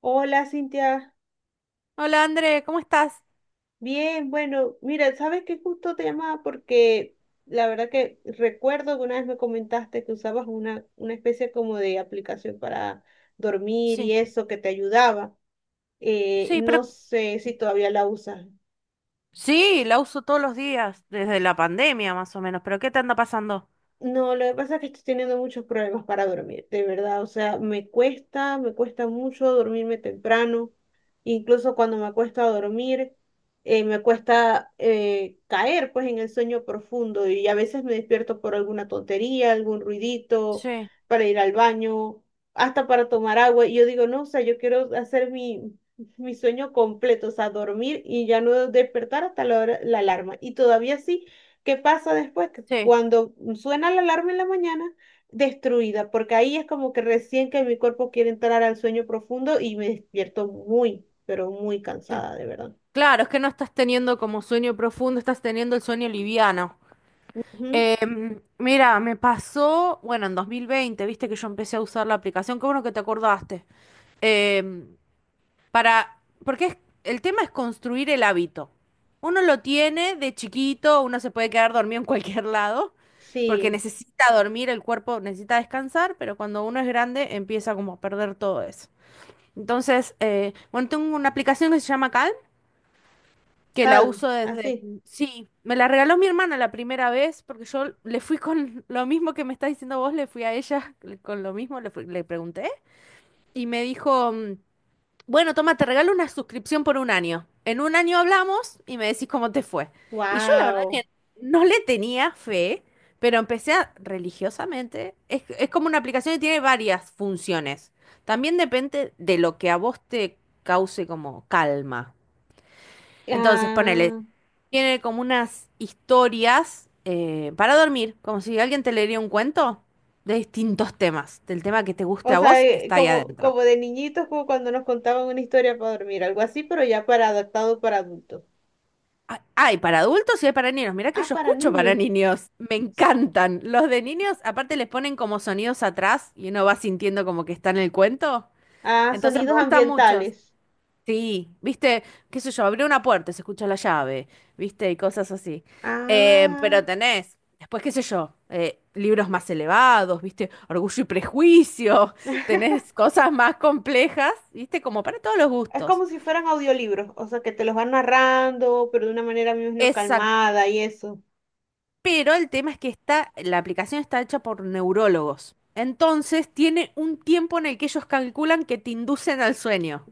Hola, Cintia. Hola André, ¿cómo estás? Bien, bueno, mira, sabes que justo te llamaba porque la verdad que recuerdo que una vez me comentaste que usabas una especie como de aplicación para dormir y Sí, eso que te ayudaba. Sí, pero No sé si todavía la usas. sí, la uso todos los días, desde la pandemia más o menos, pero ¿qué te anda pasando? No, lo que pasa es que estoy teniendo muchos problemas para dormir, de verdad. O sea, me cuesta mucho dormirme temprano. Incluso cuando me acuesto a dormir, me cuesta caer pues en el sueño profundo y a veces me despierto por alguna tontería, algún ruidito, Sí, para ir al baño, hasta para tomar agua. Y yo digo, no, o sea, yo quiero hacer mi sueño completo, o sea, dormir y ya no despertar hasta la alarma. Y todavía sí. ¿Qué pasa después? Que sí. cuando suena la alarma en la mañana, destruida, porque ahí es como que recién que mi cuerpo quiere entrar al sueño profundo y me despierto muy, pero muy Sí. cansada, de verdad. Claro, es que no estás teniendo como sueño profundo, estás teniendo el sueño liviano. Ujú. Mira, me pasó, bueno, en 2020, viste que yo empecé a usar la aplicación, qué bueno que te acordaste. Em, para, porque es- el tema es construir el hábito. Uno lo tiene de chiquito, uno se puede quedar dormido en cualquier lado, porque Sí, necesita dormir, el cuerpo necesita descansar, pero cuando uno es grande empieza como a perder todo eso. Entonces, bueno, tengo una aplicación que se llama Calm, que la calm, uso desde. así. Sí, me la regaló mi hermana la primera vez, porque yo le fui con lo mismo que me estás diciendo vos, le fui a ella con lo mismo, le pregunté, y me dijo, bueno, toma, te regalo una suscripción por un año. En un año hablamos y me decís cómo te fue. Y yo la verdad Wow. que no le tenía fe, pero religiosamente. Es como una aplicación que tiene varias funciones. También depende de lo que a vos te cause como calma. Entonces, ponele, Ah, tiene como unas historias para dormir, como si alguien te leería un cuento de distintos temas. Del tema que te guste o a sea, vos, está ahí como, adentro. como de niñitos, como cuando nos contaban una historia para dormir, algo así, pero ya para adaptado para adultos. Ah, hay para adultos y hay para niños. Mirá que Ah, yo para escucho para niños. niños. Me encantan. Los de niños, aparte les ponen como sonidos atrás y uno va sintiendo como que está en el cuento. Ah, Entonces me sonidos gustan muchos. ambientales. Sí, viste, qué sé yo, abrí una puerta, se escucha la llave, viste, y cosas así. Ah. Pero tenés, después qué sé yo, libros más elevados, viste, Orgullo y Prejuicio, tenés cosas más complejas, viste, como para todos los Es gustos. como si fueran audiolibros, o sea, que te los van narrando, pero de una manera, me imagino, Exacto. calmada y eso. Pero el tema es que está, la aplicación está hecha por neurólogos. Entonces tiene un tiempo en el que ellos calculan que te inducen al sueño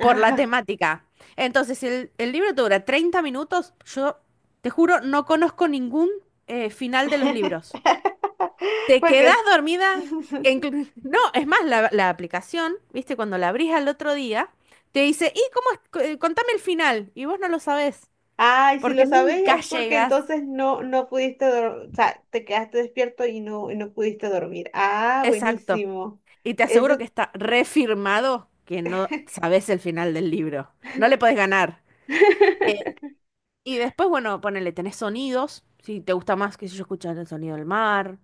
por la temática. Entonces el libro te dura 30 minutos. Yo te juro, no conozco ningún final de los libros. Te quedás Porque, dormida. No, es más, la aplicación, viste, cuando la abrís al otro día, te dice, ¿y cómo es? Contame el final. Y vos no lo sabés, ay, si lo porque sabéis nunca es porque llegas. entonces no, no pudiste dormir, o sea, te quedaste despierto y no pudiste dormir. Ah, Exacto. buenísimo. Y te aseguro Eso, que está refirmado que no sabes el final del libro. No le podés ganar. Eh, y después, bueno, ponele, tenés sonidos. Si te gusta más, qué sé yo, escuchar el sonido del mar,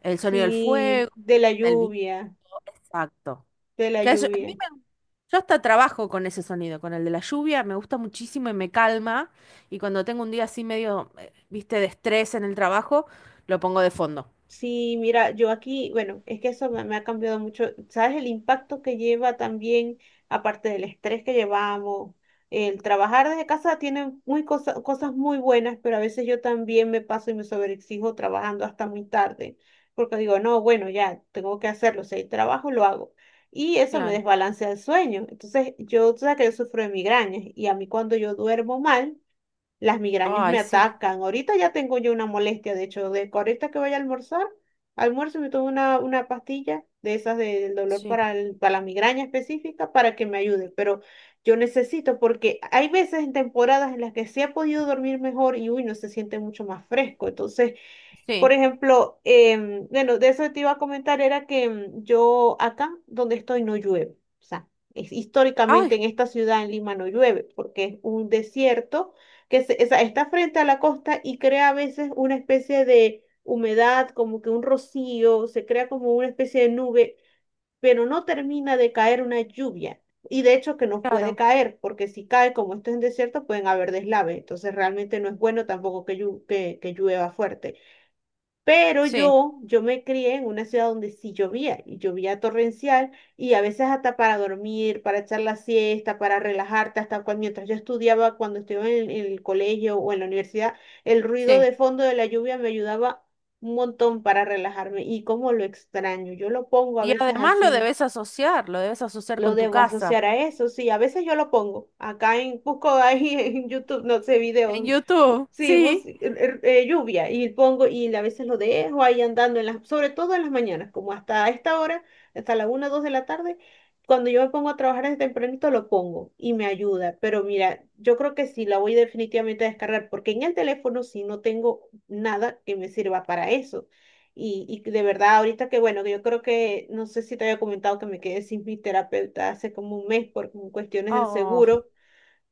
el sonido del fuego, sí, de la el viento. lluvia, Exacto. de la Que eso- a mí lluvia. me- yo hasta trabajo con ese sonido, con el de la lluvia, me gusta muchísimo y me calma. Y cuando tengo un día así medio, viste, de estrés en el trabajo, lo pongo de fondo. Sí, mira, yo aquí, bueno, es que eso me, me ha cambiado mucho. ¿Sabes el impacto que lleva también, aparte del estrés que llevamos? El trabajar desde casa tiene muy cosas muy buenas, pero a veces yo también me paso y me sobreexijo trabajando hasta muy tarde, porque digo, no, bueno, ya tengo que hacerlo, si hay trabajo, lo hago. Y eso me Claro, desbalancea el sueño. Entonces, yo, tú sabes que yo sufro de migrañas y a mí cuando yo duermo mal, las migrañas ay, me sí, atacan. Ahorita ya tengo yo una molestia, de hecho, de que ahorita que vaya a almorzar, almuerzo y me tomo una pastilla de esas del dolor sí, para, para la migraña específica para que me ayude. Pero yo necesito, porque hay veces en temporadas en las que sí he podido dormir mejor y uy, no se siente mucho más fresco. Entonces, por sí. ejemplo, bueno, de eso te iba a comentar, era que yo acá donde estoy no llueve. O sea, Ay, históricamente en esta ciudad, en Lima, no llueve, porque es un desierto o sea, está frente a la costa y crea a veces una especie de humedad, como que un rocío, se crea como una especie de nube, pero no termina de caer una lluvia. Y de hecho que no puede claro, caer, porque si cae, como esto es en desierto, pueden haber deslaves. Entonces realmente no es bueno tampoco que que llueva fuerte. Pero sí, yo me crié en una ciudad donde sí llovía, y llovía torrencial, y a veces hasta para dormir, para echar la siesta, para relajarte, hasta cuando, mientras yo estudiaba, cuando estudiaba en el colegio o en la universidad, el ruido sí. de fondo de la lluvia me ayudaba un montón para relajarme, y cómo lo extraño, yo lo pongo a Y veces además así, lo debes asociar lo con tu debo casa. asociar a eso, sí, a veces yo lo pongo, acá en, busco ahí en YouTube, no sé, En videos. YouTube, Sí, sí. Lluvia y pongo y a veces lo dejo ahí andando en las, sobre todo en las mañanas, como hasta esta hora, hasta la una 2 de la tarde, cuando yo me pongo a trabajar desde tempranito lo pongo y me ayuda, pero mira, yo creo que sí la voy definitivamente a descargar porque en el teléfono sí no tengo nada que me sirva para eso. Y de verdad, ahorita que bueno, que yo creo que, no sé si te había comentado que me quedé sin mi terapeuta hace como un mes por cuestiones del Oh. seguro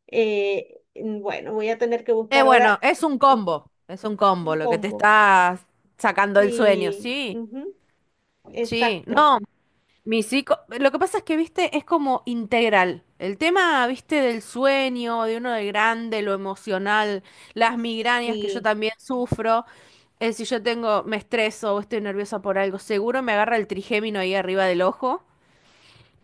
bueno, voy a tener que buscar Bueno, ahora. Ujú, es un combo un lo que te combo. está sacando el sueño, Sí, sí, ujú, sí. exacto. No, mi psico, lo que pasa es que, viste, es como integral. El tema, viste, del sueño, de uno de grande, lo emocional, las migrañas que yo Sí. también sufro. Si yo tengo, me estreso o estoy nerviosa por algo, seguro me agarra el trigémino ahí arriba del ojo.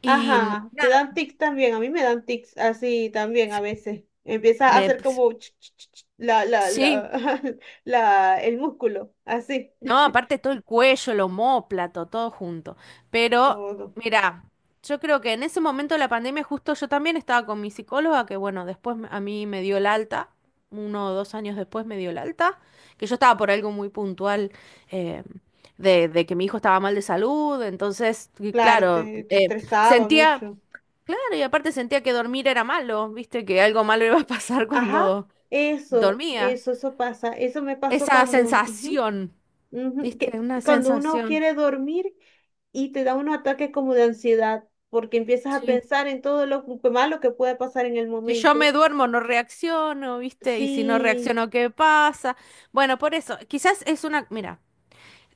Y Ajá, te nada, dan tics también. A mí me dan tics así también a veces. Empieza a me hacer como la, la, sí, la, la, el músculo, así. no, aparte todo el cuello, el omóplato, todo junto. Pero, Todo. mira, yo creo que en ese momento de la pandemia justo yo también estaba con mi psicóloga, que bueno, a mí me dio el alta, 1 o 2 años después me dio el alta, que yo estaba por algo muy puntual eh, de que mi hijo estaba mal de salud, entonces, y Claro, claro, te estresaba sentía, mucho. claro, y aparte sentía que dormir era malo, viste, que algo malo iba a pasar Ajá, cuando eso, dormía. eso, eso pasa. Eso me pasó Esa cuando. sensación. Ujú, ¿Viste? que Una cuando uno sensación, quiere dormir y te da unos ataques como de ansiedad, porque empiezas a sí. pensar en todo lo malo que puede pasar en el Si yo momento. me duermo, no reacciono, ¿viste? Y si no Sí, reacciono, ¿qué pasa? Bueno, por eso, quizás es una, mira,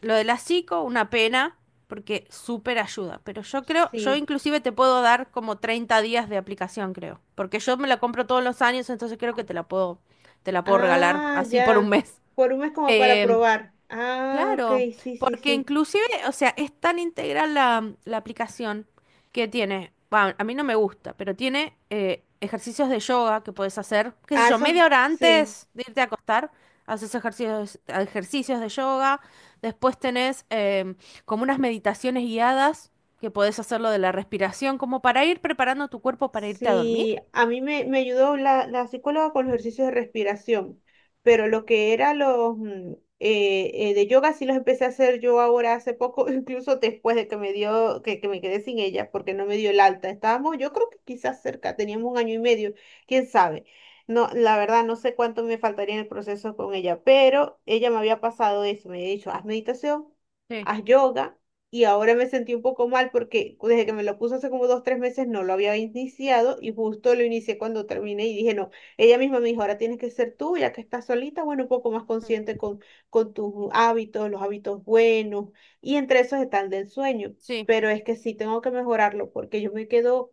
lo de la psico, una pena, porque súper ayuda, pero yo creo, yo sí. inclusive te puedo dar como 30 días de aplicación, creo, porque yo me la compro todos los años, entonces creo que te la puedo regalar Ah, así por un ya. mes. Por un mes como para Eh, probar. Ah, ok, Claro, sí, sí, porque sí. inclusive, o sea, es tan integral la aplicación que tiene, va, a mí no me gusta, pero tiene ejercicios de yoga que puedes hacer, qué sé Ah, yo, eso media hora sí. antes de irte a acostar, haces ejercicios, ejercicios de yoga, después tenés como unas meditaciones guiadas que podés hacerlo de la respiración, como para ir preparando tu cuerpo para irte a dormir. Sí, a mí me ayudó la psicóloga con los ejercicios de respiración, pero lo que era los de yoga sí los empecé a hacer yo ahora hace poco, incluso después de que me dio, que me quedé sin ella porque no me dio el alta. Estábamos, yo creo que quizás cerca, teníamos 1 año y medio, quién sabe. No, la verdad no sé cuánto me faltaría en el proceso con ella, pero ella me había pasado eso, me había dicho, haz meditación, Sí. haz yoga y ahora me sentí un poco mal porque desde que me lo puso hace como 2, 3 meses no lo había iniciado y justo lo inicié cuando terminé y dije, no, ella misma me dijo, ahora tienes que ser tú, ya que estás solita, bueno, un poco más Mm, consciente con tus hábitos, los hábitos buenos y entre esos está el del sueño, sí, pero es que sí tengo que mejorarlo porque yo me quedo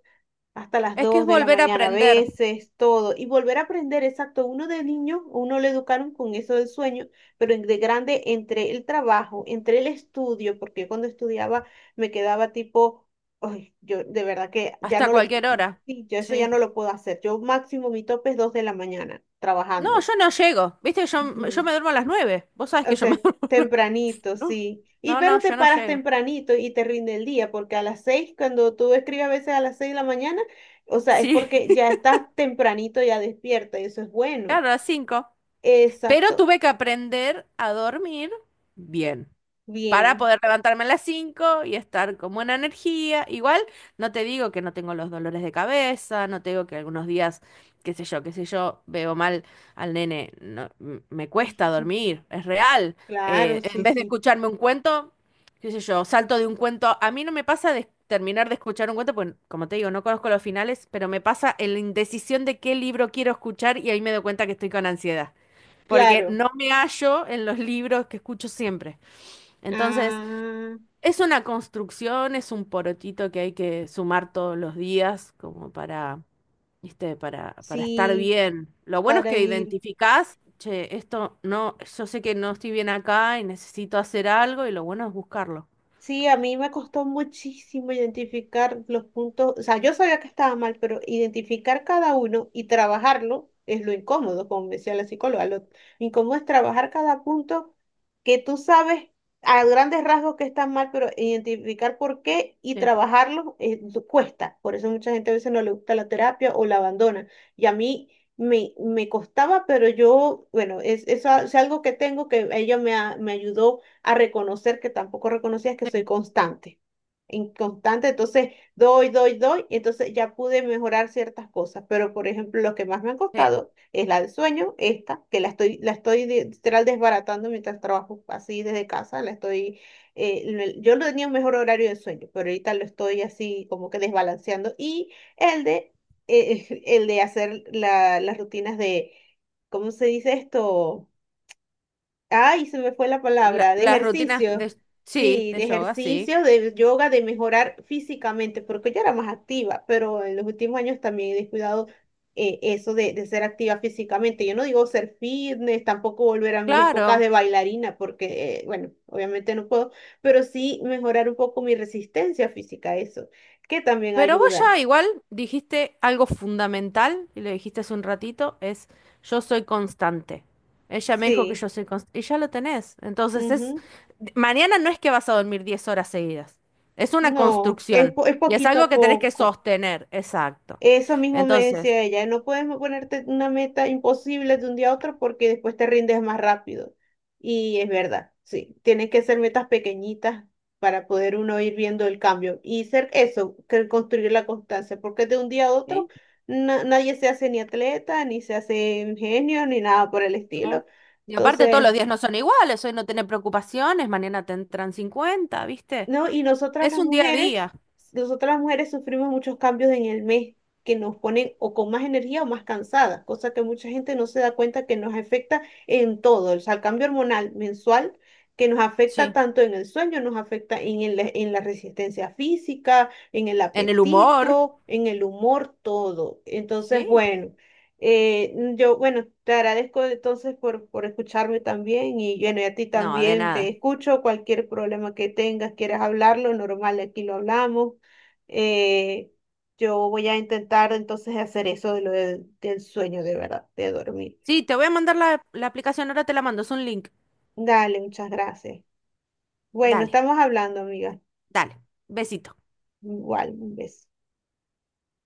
hasta las es que es 2 de la volver a mañana a aprender veces, todo, y volver a aprender, exacto, uno de niño, uno le educaron con eso del sueño, pero de grande entre el trabajo, entre el estudio, porque cuando estudiaba me quedaba tipo, ay, yo de verdad que ya hasta no lo, cualquier hora. sí, yo eso ya Sí. no lo puedo hacer, yo máximo mi tope es 2 de la mañana No, trabajando. yo no llego. Viste, yo Ujú. me duermo a las 9. Vos sabés que yo me Usted, duermo. tempranito, No. sí. Y No, no, pero te yo no paras llego. tempranito y te rinde el día, porque a las 6, cuando tú escribes a veces a las 6 de la mañana, o sea, es Sí, porque ya estás tempranito, ya despierta, y eso es bueno. claro, a las 5. Pero Exacto. tuve que aprender a dormir bien. Para Bien, poder levantarme a las 5 y estar con buena energía. Igual, no te digo que no tengo los dolores de cabeza, no te digo que algunos días, qué sé yo, veo mal al nene, no, me cuesta dormir, es real. claro, En sí, vez de sí, escucharme un cuento, qué sé yo, salto de un cuento. A mí no me pasa de terminar de escuchar un cuento, pues como te digo, no conozco los finales, pero me pasa en la indecisión de qué libro quiero escuchar y ahí me doy cuenta que estoy con ansiedad. Porque claro. no me hallo en los libros que escucho siempre. Entonces, Ah, es una construcción, es un porotito que hay que sumar todos los días como para, ¿viste? Para estar sí, bien. Lo bueno es para que ir. identificás, che, esto no, yo sé que no estoy bien acá y necesito hacer algo y lo bueno es buscarlo. Sí, a mí me costó muchísimo identificar los puntos, o sea, yo sabía que estaba mal, pero identificar cada uno y trabajarlo es lo incómodo, como me decía la psicóloga, lo incómodo es trabajar cada punto que tú sabes a grandes rasgos que están mal, pero identificar por qué y Sí, trabajarlo cuesta. Por eso mucha gente a veces no le gusta la terapia o la abandona. Y a mí me costaba, pero yo, bueno, es, es algo que tengo que ella me ayudó a reconocer que tampoco reconocías que sí, soy constante. Inconstante, entonces doy, doy, doy, y entonces ya pude mejorar ciertas cosas, pero por ejemplo, lo que más me han sí. costado es la del sueño, esta, que la estoy, literal desbaratando mientras trabajo así desde casa, la estoy, eh, yo no tenía un mejor horario de sueño, pero ahorita lo estoy así como que desbalanceando, y el de, el de hacer las rutinas de, ¿cómo se dice esto? Ay, se me fue la La- palabra, de las rutinas ejercicio. de, sí, Sí, de de yoga, sí. ejercicio, de yoga, de mejorar físicamente, porque yo era más activa, pero en los últimos años también he descuidado eso de ser activa físicamente. Yo no digo ser fitness, tampoco volver a mis épocas Claro. de bailarina, porque, bueno, obviamente no puedo, pero sí mejorar un poco mi resistencia física, eso, que también Pero vos ayuda. ya igual dijiste algo fundamental, y lo dijiste hace un ratito, es yo soy constante. Ella me dijo que Sí, yo soy constante, y ya lo tenés. Entonces es, ujú. mañana no es que vas a dormir 10 horas seguidas, es una No, es, construcción, es y es poquito algo a que tenés que poco. sostener, exacto. Eso mismo me Entonces, decía ella, no puedes ponerte una meta imposible de un día a otro porque después te rindes más rápido. Y es verdad, sí, tienen que ser metas pequeñitas para poder uno ir viendo el cambio y ser eso, que construir la constancia, porque de un día a otro ¿sí? Nadie se hace ni atleta, ni se hace ingenio, ni nada por el ¿No? estilo. Y aparte todos los Entonces, días no son iguales, hoy no tenés preocupaciones, mañana te entran 50, ¿viste? ¿no? Y Es un día a día, nosotras las mujeres sufrimos muchos cambios en el mes que nos ponen o con más energía o más cansadas, cosa que mucha gente no se da cuenta que nos afecta en todo, o sea, el cambio hormonal mensual que nos afecta sí. tanto en el sueño, nos afecta en, en la resistencia física, en el En el humor, apetito, en el humor, todo. Entonces, sí. bueno. Yo, bueno, te agradezco entonces por escucharme también y bueno, y a ti No, de también te nada. escucho. Cualquier problema que tengas, quieras hablarlo, normal, aquí lo hablamos. Eh, yo voy a intentar entonces hacer eso de lo del sueño de verdad, de dormir. Sí, te voy a mandar la aplicación, ahora te la mando, es un link. Dale, muchas gracias. Bueno, Dale, estamos hablando, amiga. dale. Besito. Igual, un beso.